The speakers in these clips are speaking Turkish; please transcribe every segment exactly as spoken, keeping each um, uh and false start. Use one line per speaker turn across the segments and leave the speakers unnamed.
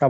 Ya,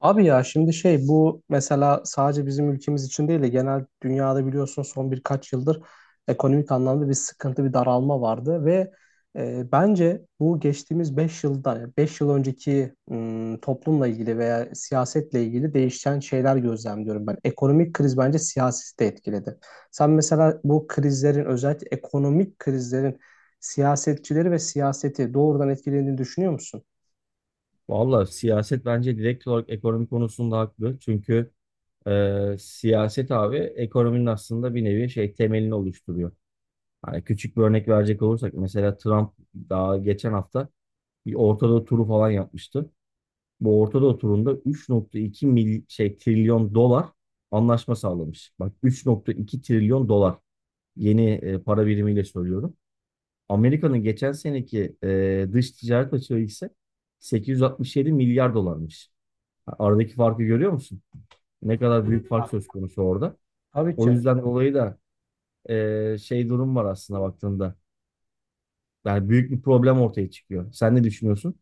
abi ya şimdi şey bu mesela sadece bizim ülkemiz için değil de genel dünyada biliyorsun son birkaç yıldır ekonomik anlamda bir sıkıntı, bir daralma vardı ve e, bence bu geçtiğimiz beş yılda, yani beş yıl önceki ım, toplumla ilgili veya siyasetle ilgili değişen şeyler gözlemliyorum ben. Ekonomik kriz bence siyaseti de etkiledi. Sen mesela bu krizlerin özellikle ekonomik krizlerin siyasetçileri ve siyaseti doğrudan etkilediğini düşünüyor musun?
Valla siyaset bence direkt olarak ekonomi konusunda haklı. Çünkü e, siyaset abi ekonominin aslında bir nevi şey temelini oluşturuyor. Hani küçük bir örnek verecek olursak mesela Trump daha geçen hafta bir Orta Doğu turu falan yapmıştı. Bu Orta Doğu turunda üç nokta iki mil, şey trilyon dolar anlaşma sağlamış. Bak üç nokta iki trilyon dolar yeni e, para birimiyle söylüyorum. Amerika'nın geçen seneki e, dış ticaret açığı ise sekiz yüz altmış yedi milyar dolarmış. Aradaki farkı görüyor musun? Ne kadar büyük fark
Ya,
söz konusu orada.
tabii
O
ki.
yüzden dolayı da e, şey durum var aslında baktığında. Yani büyük bir problem ortaya çıkıyor. Sen ne düşünüyorsun?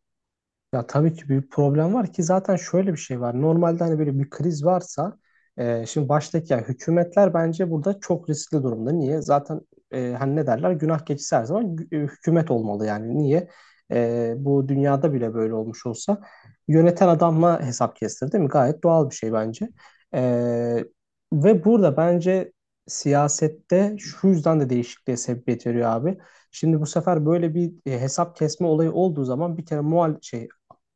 Ya tabii ki bir problem var ki, zaten şöyle bir şey var. Normalde hani böyle bir kriz varsa, e, şimdi baştaki yani hükümetler bence burada çok riskli durumda. Niye? Zaten, e, hani ne derler? Günah keçisi her zaman gü- e, hükümet olmalı yani. Niye? E, bu dünyada bile böyle olmuş olsa yöneten adamla hesap kestir, değil mi? Gayet doğal bir şey bence. E, Ve burada bence siyasette şu yüzden de değişikliğe sebebiyet veriyor abi. Şimdi bu sefer böyle bir e, hesap kesme olayı olduğu zaman, bir kere muhal şey,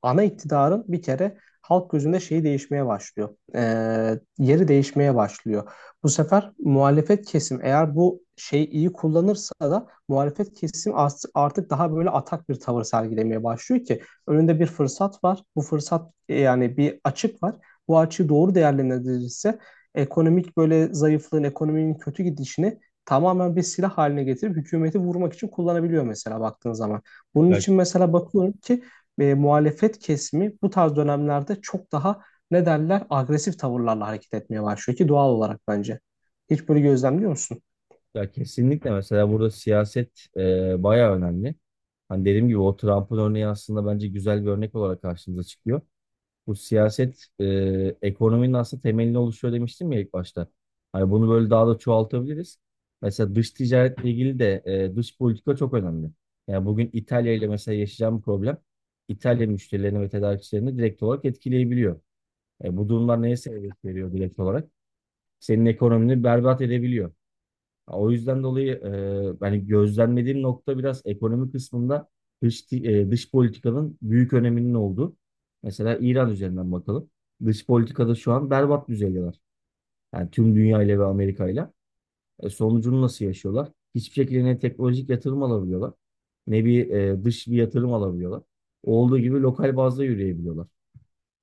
ana iktidarın bir kere halk gözünde şeyi değişmeye başlıyor. Ee, yeri değişmeye başlıyor. Bu sefer muhalefet kesim eğer bu şeyi iyi kullanırsa da muhalefet kesim artık daha böyle atak bir tavır sergilemeye başlıyor ki önünde bir fırsat var. Bu fırsat e, yani bir açık var. Bu açığı doğru değerlendirilirse ekonomik böyle zayıflığın, ekonominin kötü gidişini tamamen bir silah haline getirip hükümeti vurmak için kullanabiliyor mesela, baktığın zaman. Bunun
Ya,
için mesela bakıyorum ki e, muhalefet kesimi bu tarz dönemlerde çok daha, ne derler, agresif tavırlarla hareket etmeye başlıyor ki doğal olarak, bence. Hiç böyle gözlemliyor musun?
ya kesinlikle mesela burada siyaset e, bayağı önemli. Hani dediğim gibi o Trump'ın örneği aslında bence güzel bir örnek olarak karşımıza çıkıyor. Bu siyaset e, ekonominin aslında temelini oluşuyor demiştim ya ilk başta. Hani bunu böyle daha da çoğaltabiliriz. Mesela dış ticaretle ilgili de e, dış politika çok önemli. Yani bugün İtalya ile mesela yaşayacağım problem İtalya müşterilerini ve tedarikçilerini direkt olarak etkileyebiliyor. E, bu durumlar neye sebebiyet veriyor direkt olarak? Senin ekonomini berbat edebiliyor. O yüzden dolayı e, yani gözlemlediğim nokta biraz ekonomi kısmında dış, ti- e, dış politikanın büyük öneminin olduğu. Mesela İran üzerinden bakalım. Dış politikada şu an berbat düzeydeler. Yani tüm dünya ile ve Amerika ile. E, sonucunu nasıl yaşıyorlar? Hiçbir şekilde ne teknolojik yatırım alabiliyorlar, ne bir e, dış bir yatırım alabiliyorlar. Olduğu gibi lokal bazda yürüyebiliyorlar.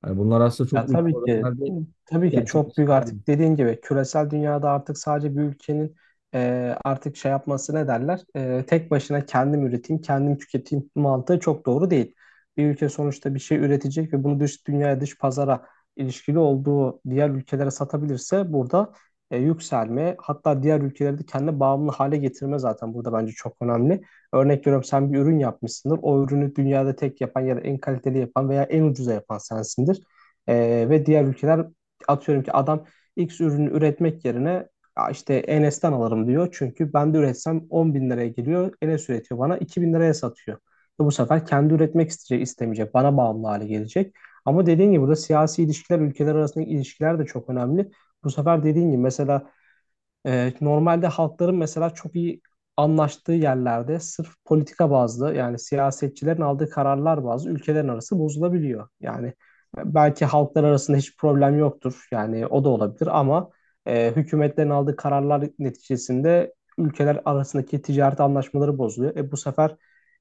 Yani bunlar aslında
Ya
çok büyük
tabii ki,
problemlerde
tabii ki çok büyük,
gerçekleşebiliyor.
artık dediğin gibi küresel dünyada artık sadece bir ülkenin e, artık şey yapması, ne derler, E, tek başına kendim üreteyim, kendim tüketeyim mantığı çok doğru değil. Bir ülke sonuçta bir şey üretecek ve bunu dış dünyaya, dış pazara, ilişkili olduğu diğer ülkelere satabilirse, burada e, yükselme, hatta diğer ülkeleri de kendine bağımlı hale getirme zaten, burada bence çok önemli. Örnek veriyorum, sen bir ürün yapmışsındır. O ürünü dünyada tek yapan ya da en kaliteli yapan veya en ucuza yapan sensindir. Ee, ve diğer ülkeler atıyorum ki adam X ürünü üretmek yerine, "Ya işte Enes'ten alırım" diyor. Çünkü ben de üretsem on bin liraya geliyor. Enes üretiyor, bana iki bin liraya satıyor. Ve bu sefer kendi üretmek isteyecek, istemeyecek. Bana bağımlı hale gelecek. Ama dediğin gibi burada siyasi ilişkiler, ülkeler arasındaki ilişkiler de çok önemli. Bu sefer dediğin gibi mesela, ee, normalde halkların mesela çok iyi anlaştığı yerlerde sırf politika bazlı, yani siyasetçilerin aldığı kararlar bazlı ülkelerin arası bozulabiliyor. Yani belki halklar arasında hiç problem yoktur. Yani o da olabilir ama e, hükümetlerin aldığı kararlar neticesinde ülkeler arasındaki ticaret anlaşmaları bozuluyor. E, bu sefer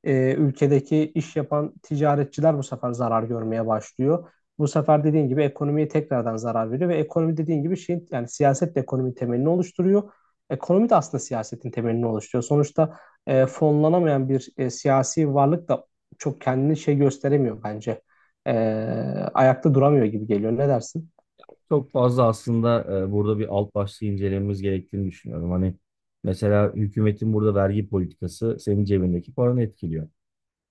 e, ülkedeki iş yapan ticaretçiler bu sefer zarar görmeye başlıyor. Bu sefer dediğin gibi ekonomiye tekrardan zarar veriyor ve ekonomi dediğin gibi şeyin, yani siyaset de ekonominin temelini oluşturuyor. Ekonomi de aslında siyasetin temelini oluşturuyor. Sonuçta e, fonlanamayan bir e, siyasi varlık da çok kendini şey gösteremiyor bence. E, Ayakta duramıyor gibi geliyor. Ne dersin?
Çok fazla aslında e, burada bir alt başlığı incelememiz gerektiğini düşünüyorum. Hani mesela hükümetin burada vergi politikası senin cebindeki paranı etkiliyor.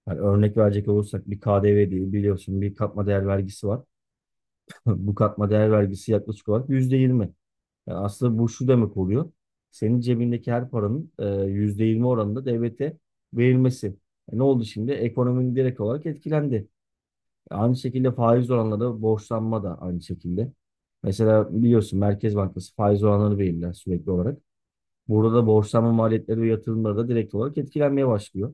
Hani örnek verecek olursak bir K D V değil biliyorsun bir katma değer vergisi var. Bu katma değer vergisi yaklaşık olarak yüzde yirmi. Yani aslında bu şu demek oluyor. Senin cebindeki her paranın e, yüzde yirmi oranında devlete verilmesi. E, ne oldu şimdi? Ekonominin direkt olarak etkilendi. Aynı şekilde faiz oranları, borçlanma da aynı şekilde. Mesela biliyorsun Merkez Bankası faiz oranları belirler sürekli olarak. Burada da borçlanma maliyetleri ve yatırımları da direkt olarak etkilenmeye başlıyor.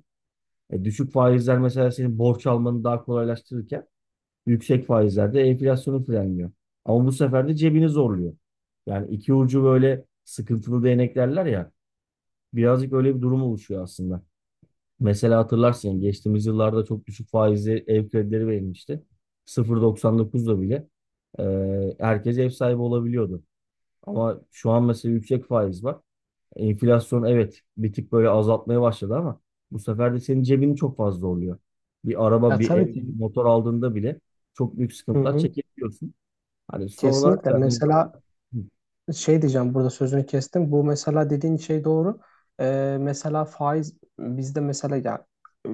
E, düşük faizler mesela senin borç almanı daha kolaylaştırırken yüksek faizler de enflasyonu frenliyor. Ama bu sefer de cebini zorluyor. Yani iki ucu böyle sıkıntılı değnek derler ya. Birazcık öyle bir durum oluşuyor aslında. Mesela hatırlarsın geçtiğimiz yıllarda çok düşük faizli ev kredileri verilmişti. sıfır virgül doksan dokuzda bile e, herkes ev sahibi olabiliyordu. Ama şu an mesela yüksek faiz var. Enflasyon evet bir tık böyle azaltmaya başladı ama bu sefer de senin cebini çok fazla oluyor. Bir
Ya,
araba, bir ev,
tabii ki.
bir motor aldığında bile çok büyük
Hı
sıkıntılar
hı.
çekebiliyorsun. Hani son olarak
Kesinlikle.
da hani,
Mesela şey diyeceğim, burada sözünü kestim. Bu mesela dediğin şey doğru. Ee, mesela faiz bizde mesela ya, e,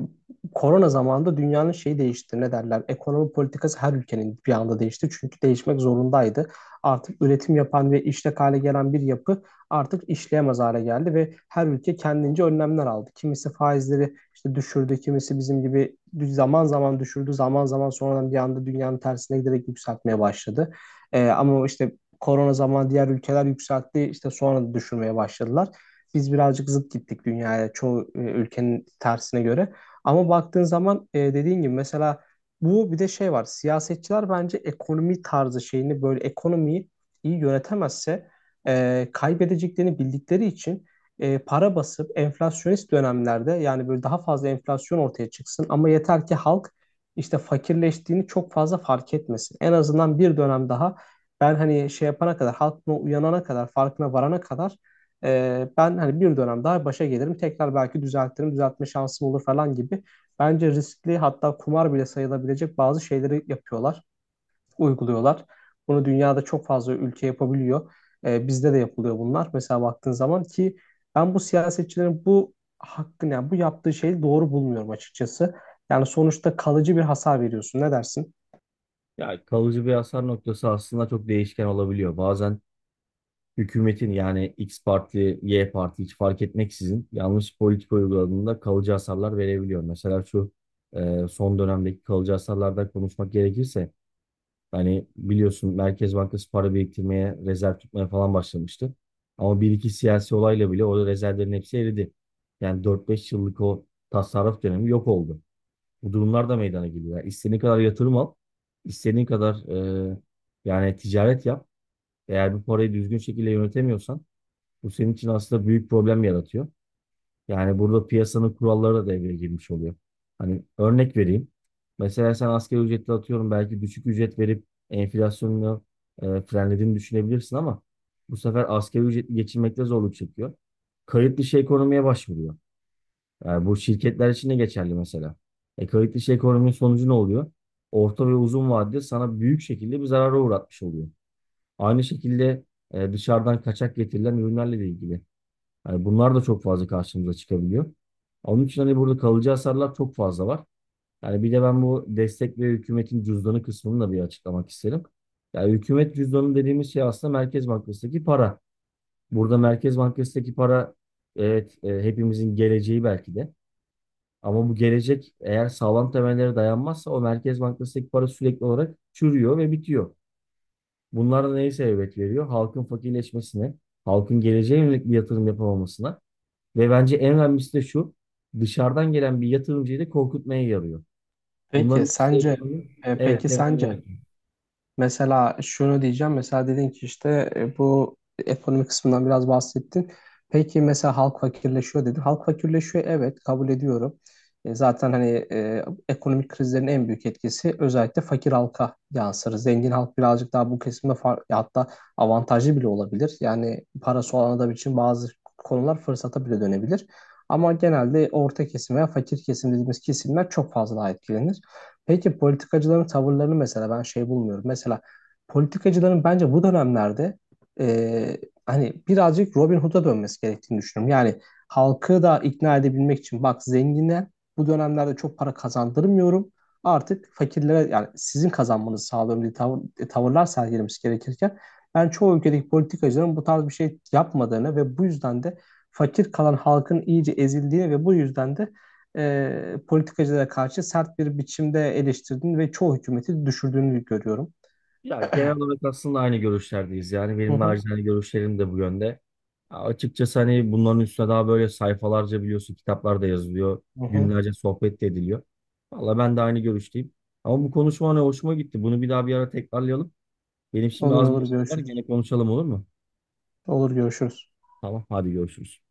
korona zamanında dünyanın şeyi değişti. Ne derler? Ekonomi politikası her ülkenin bir anda değişti. Çünkü değişmek zorundaydı. Artık üretim yapan ve işlek hale gelen bir yapı artık işleyemez hale geldi ve her ülke kendince önlemler aldı. Kimisi faizleri işte düşürdü, kimisi bizim gibi zaman zaman düşürdü, zaman zaman sonradan bir anda dünyanın tersine giderek yükseltmeye başladı. Ee, ama işte korona zamanı diğer ülkeler yükseltti. İşte sonra da düşürmeye başladılar. Biz birazcık zıt gittik dünyaya, çoğu e, ülkenin tersine göre. Ama baktığın zaman, e, dediğin gibi mesela, bu bir de şey var. Siyasetçiler bence ekonomi tarzı şeyini böyle, ekonomiyi iyi yönetemezse e, kaybedeceklerini bildikleri için e, para basıp enflasyonist dönemlerde, yani böyle daha fazla enflasyon ortaya çıksın ama yeter ki halk işte fakirleştiğini çok fazla fark etmesin. En azından bir dönem daha ben hani şey yapana kadar, halk buna uyanana kadar, farkına varana kadar, e, ben hani bir dönem daha başa gelirim. Tekrar belki düzeltirim, düzeltme şansım olur falan gibi. Bence riskli, hatta kumar bile sayılabilecek bazı şeyleri yapıyorlar, uyguluyorlar. Bunu dünyada çok fazla ülke yapabiliyor. E, bizde de yapılıyor bunlar. Mesela baktığın zaman ki ben bu siyasetçilerin bu hakkını, yani bu yaptığı şeyi doğru bulmuyorum açıkçası. Yani sonuçta kalıcı bir hasar veriyorsun. Ne dersin?
ya kalıcı bir hasar noktası aslında çok değişken olabiliyor. Bazen hükümetin yani X parti, Y parti hiç fark etmeksizin yanlış politika uyguladığında kalıcı hasarlar verebiliyor. Mesela şu e, son dönemdeki kalıcı hasarlardan konuşmak gerekirse hani biliyorsun Merkez Bankası para biriktirmeye, rezerv tutmaya falan başlamıştı. Ama bir iki siyasi olayla bile o rezervlerin hepsi eridi. Yani dört beş yıllık o tasarruf dönemi yok oldu. Bu durumlar da meydana geliyor. Yani istediğin kadar yatırım al, istediğin kadar e, yani ticaret yap. Eğer bu parayı düzgün şekilde yönetemiyorsan bu senin için aslında büyük problem yaratıyor. Yani burada piyasanın kuralları da devreye girmiş oluyor. Hani örnek vereyim. Mesela sen asgari ücretle atıyorum belki düşük ücret verip enflasyonunu e, frenlediğini düşünebilirsin ama bu sefer asgari ücretli geçinmekte zorluk çekiyor. Kayıt dışı ekonomiye başvuruyor. Yani bu şirketler için de geçerli mesela. E, kayıt dışı ekonominin sonucu ne oluyor? Orta ve uzun vadede sana büyük şekilde bir zarara uğratmış oluyor. Aynı şekilde e, dışarıdan kaçak getirilen ürünlerle de ilgili. Yani bunlar da çok fazla karşımıza çıkabiliyor. Onun için hani burada kalıcı hasarlar çok fazla var. Yani bir de ben bu destek ve hükümetin cüzdanı kısmını da bir açıklamak isterim. Yani hükümet cüzdanı dediğimiz şey aslında Merkez Bankası'ndaki para. Burada Merkez Bankası'ndaki para evet e, hepimizin geleceği belki de. Ama bu gelecek eğer sağlam temellere dayanmazsa o Merkez Bankası'ndaki para sürekli olarak çürüyor ve bitiyor. Bunlar da neye sebebiyet veriyor? Halkın fakirleşmesine, halkın geleceğe yönelik bir yatırım yapamamasına ve bence en önemlisi de şu. Dışarıdan gelen bir yatırımcıyı da korkutmaya yarıyor.
Peki
Bunların ikisi
sence
ekonominin
e,
evet
peki
temelini
sence
yaratıyor.
mesela şunu diyeceğim. Mesela dedin ki işte, e, bu ekonomi kısmından biraz bahsettin. Peki mesela halk fakirleşiyor dedin. Halk fakirleşiyor, evet, kabul ediyorum. E, zaten hani, e, ekonomik krizlerin en büyük etkisi özellikle fakir halka yansır. Zengin halk birazcık daha bu kesimde far- ya hatta avantajlı bile olabilir. Yani parası olan adam için bazı konular fırsata bile dönebilir. Ama genelde orta kesim veya fakir kesim dediğimiz kesimler çok fazla daha etkilenir. Peki politikacıların tavırlarını mesela ben şey bulmuyorum. Mesela politikacıların bence bu dönemlerde e, hani birazcık Robin Hood'a dönmesi gerektiğini düşünüyorum. Yani halkı da ikna edebilmek için, bak, zengine bu dönemlerde çok para kazandırmıyorum. Artık fakirlere, yani sizin kazanmanızı sağlıyorum diye tavır, e, tavırlar sergilemesi gerekirken ben çoğu ülkedeki politikacıların bu tarz bir şey yapmadığını ve bu yüzden de fakir kalan halkın iyice ezildiğini ve bu yüzden de e, politikacılara karşı sert bir biçimde eleştirdiğini ve çoğu hükümeti düşürdüğünü görüyorum.
Ya genel olarak aslında aynı görüşlerdeyiz. Yani
Hı
benim
hı.
nacizane görüşlerim de bu yönde. Ya Açıkçası hani bunların üstüne daha böyle sayfalarca biliyorsun kitaplar da yazılıyor.
Hı hı.
Günlerce sohbet de ediliyor. Valla ben de aynı görüşteyim. Ama bu konuşma hani hoşuma gitti. Bunu bir daha bir ara tekrarlayalım. Benim şimdi
Olur,
az
olur,
bir işim var.
görüşürüz.
Gene konuşalım olur mu?
Olur, görüşürüz.
Tamam hadi görüşürüz.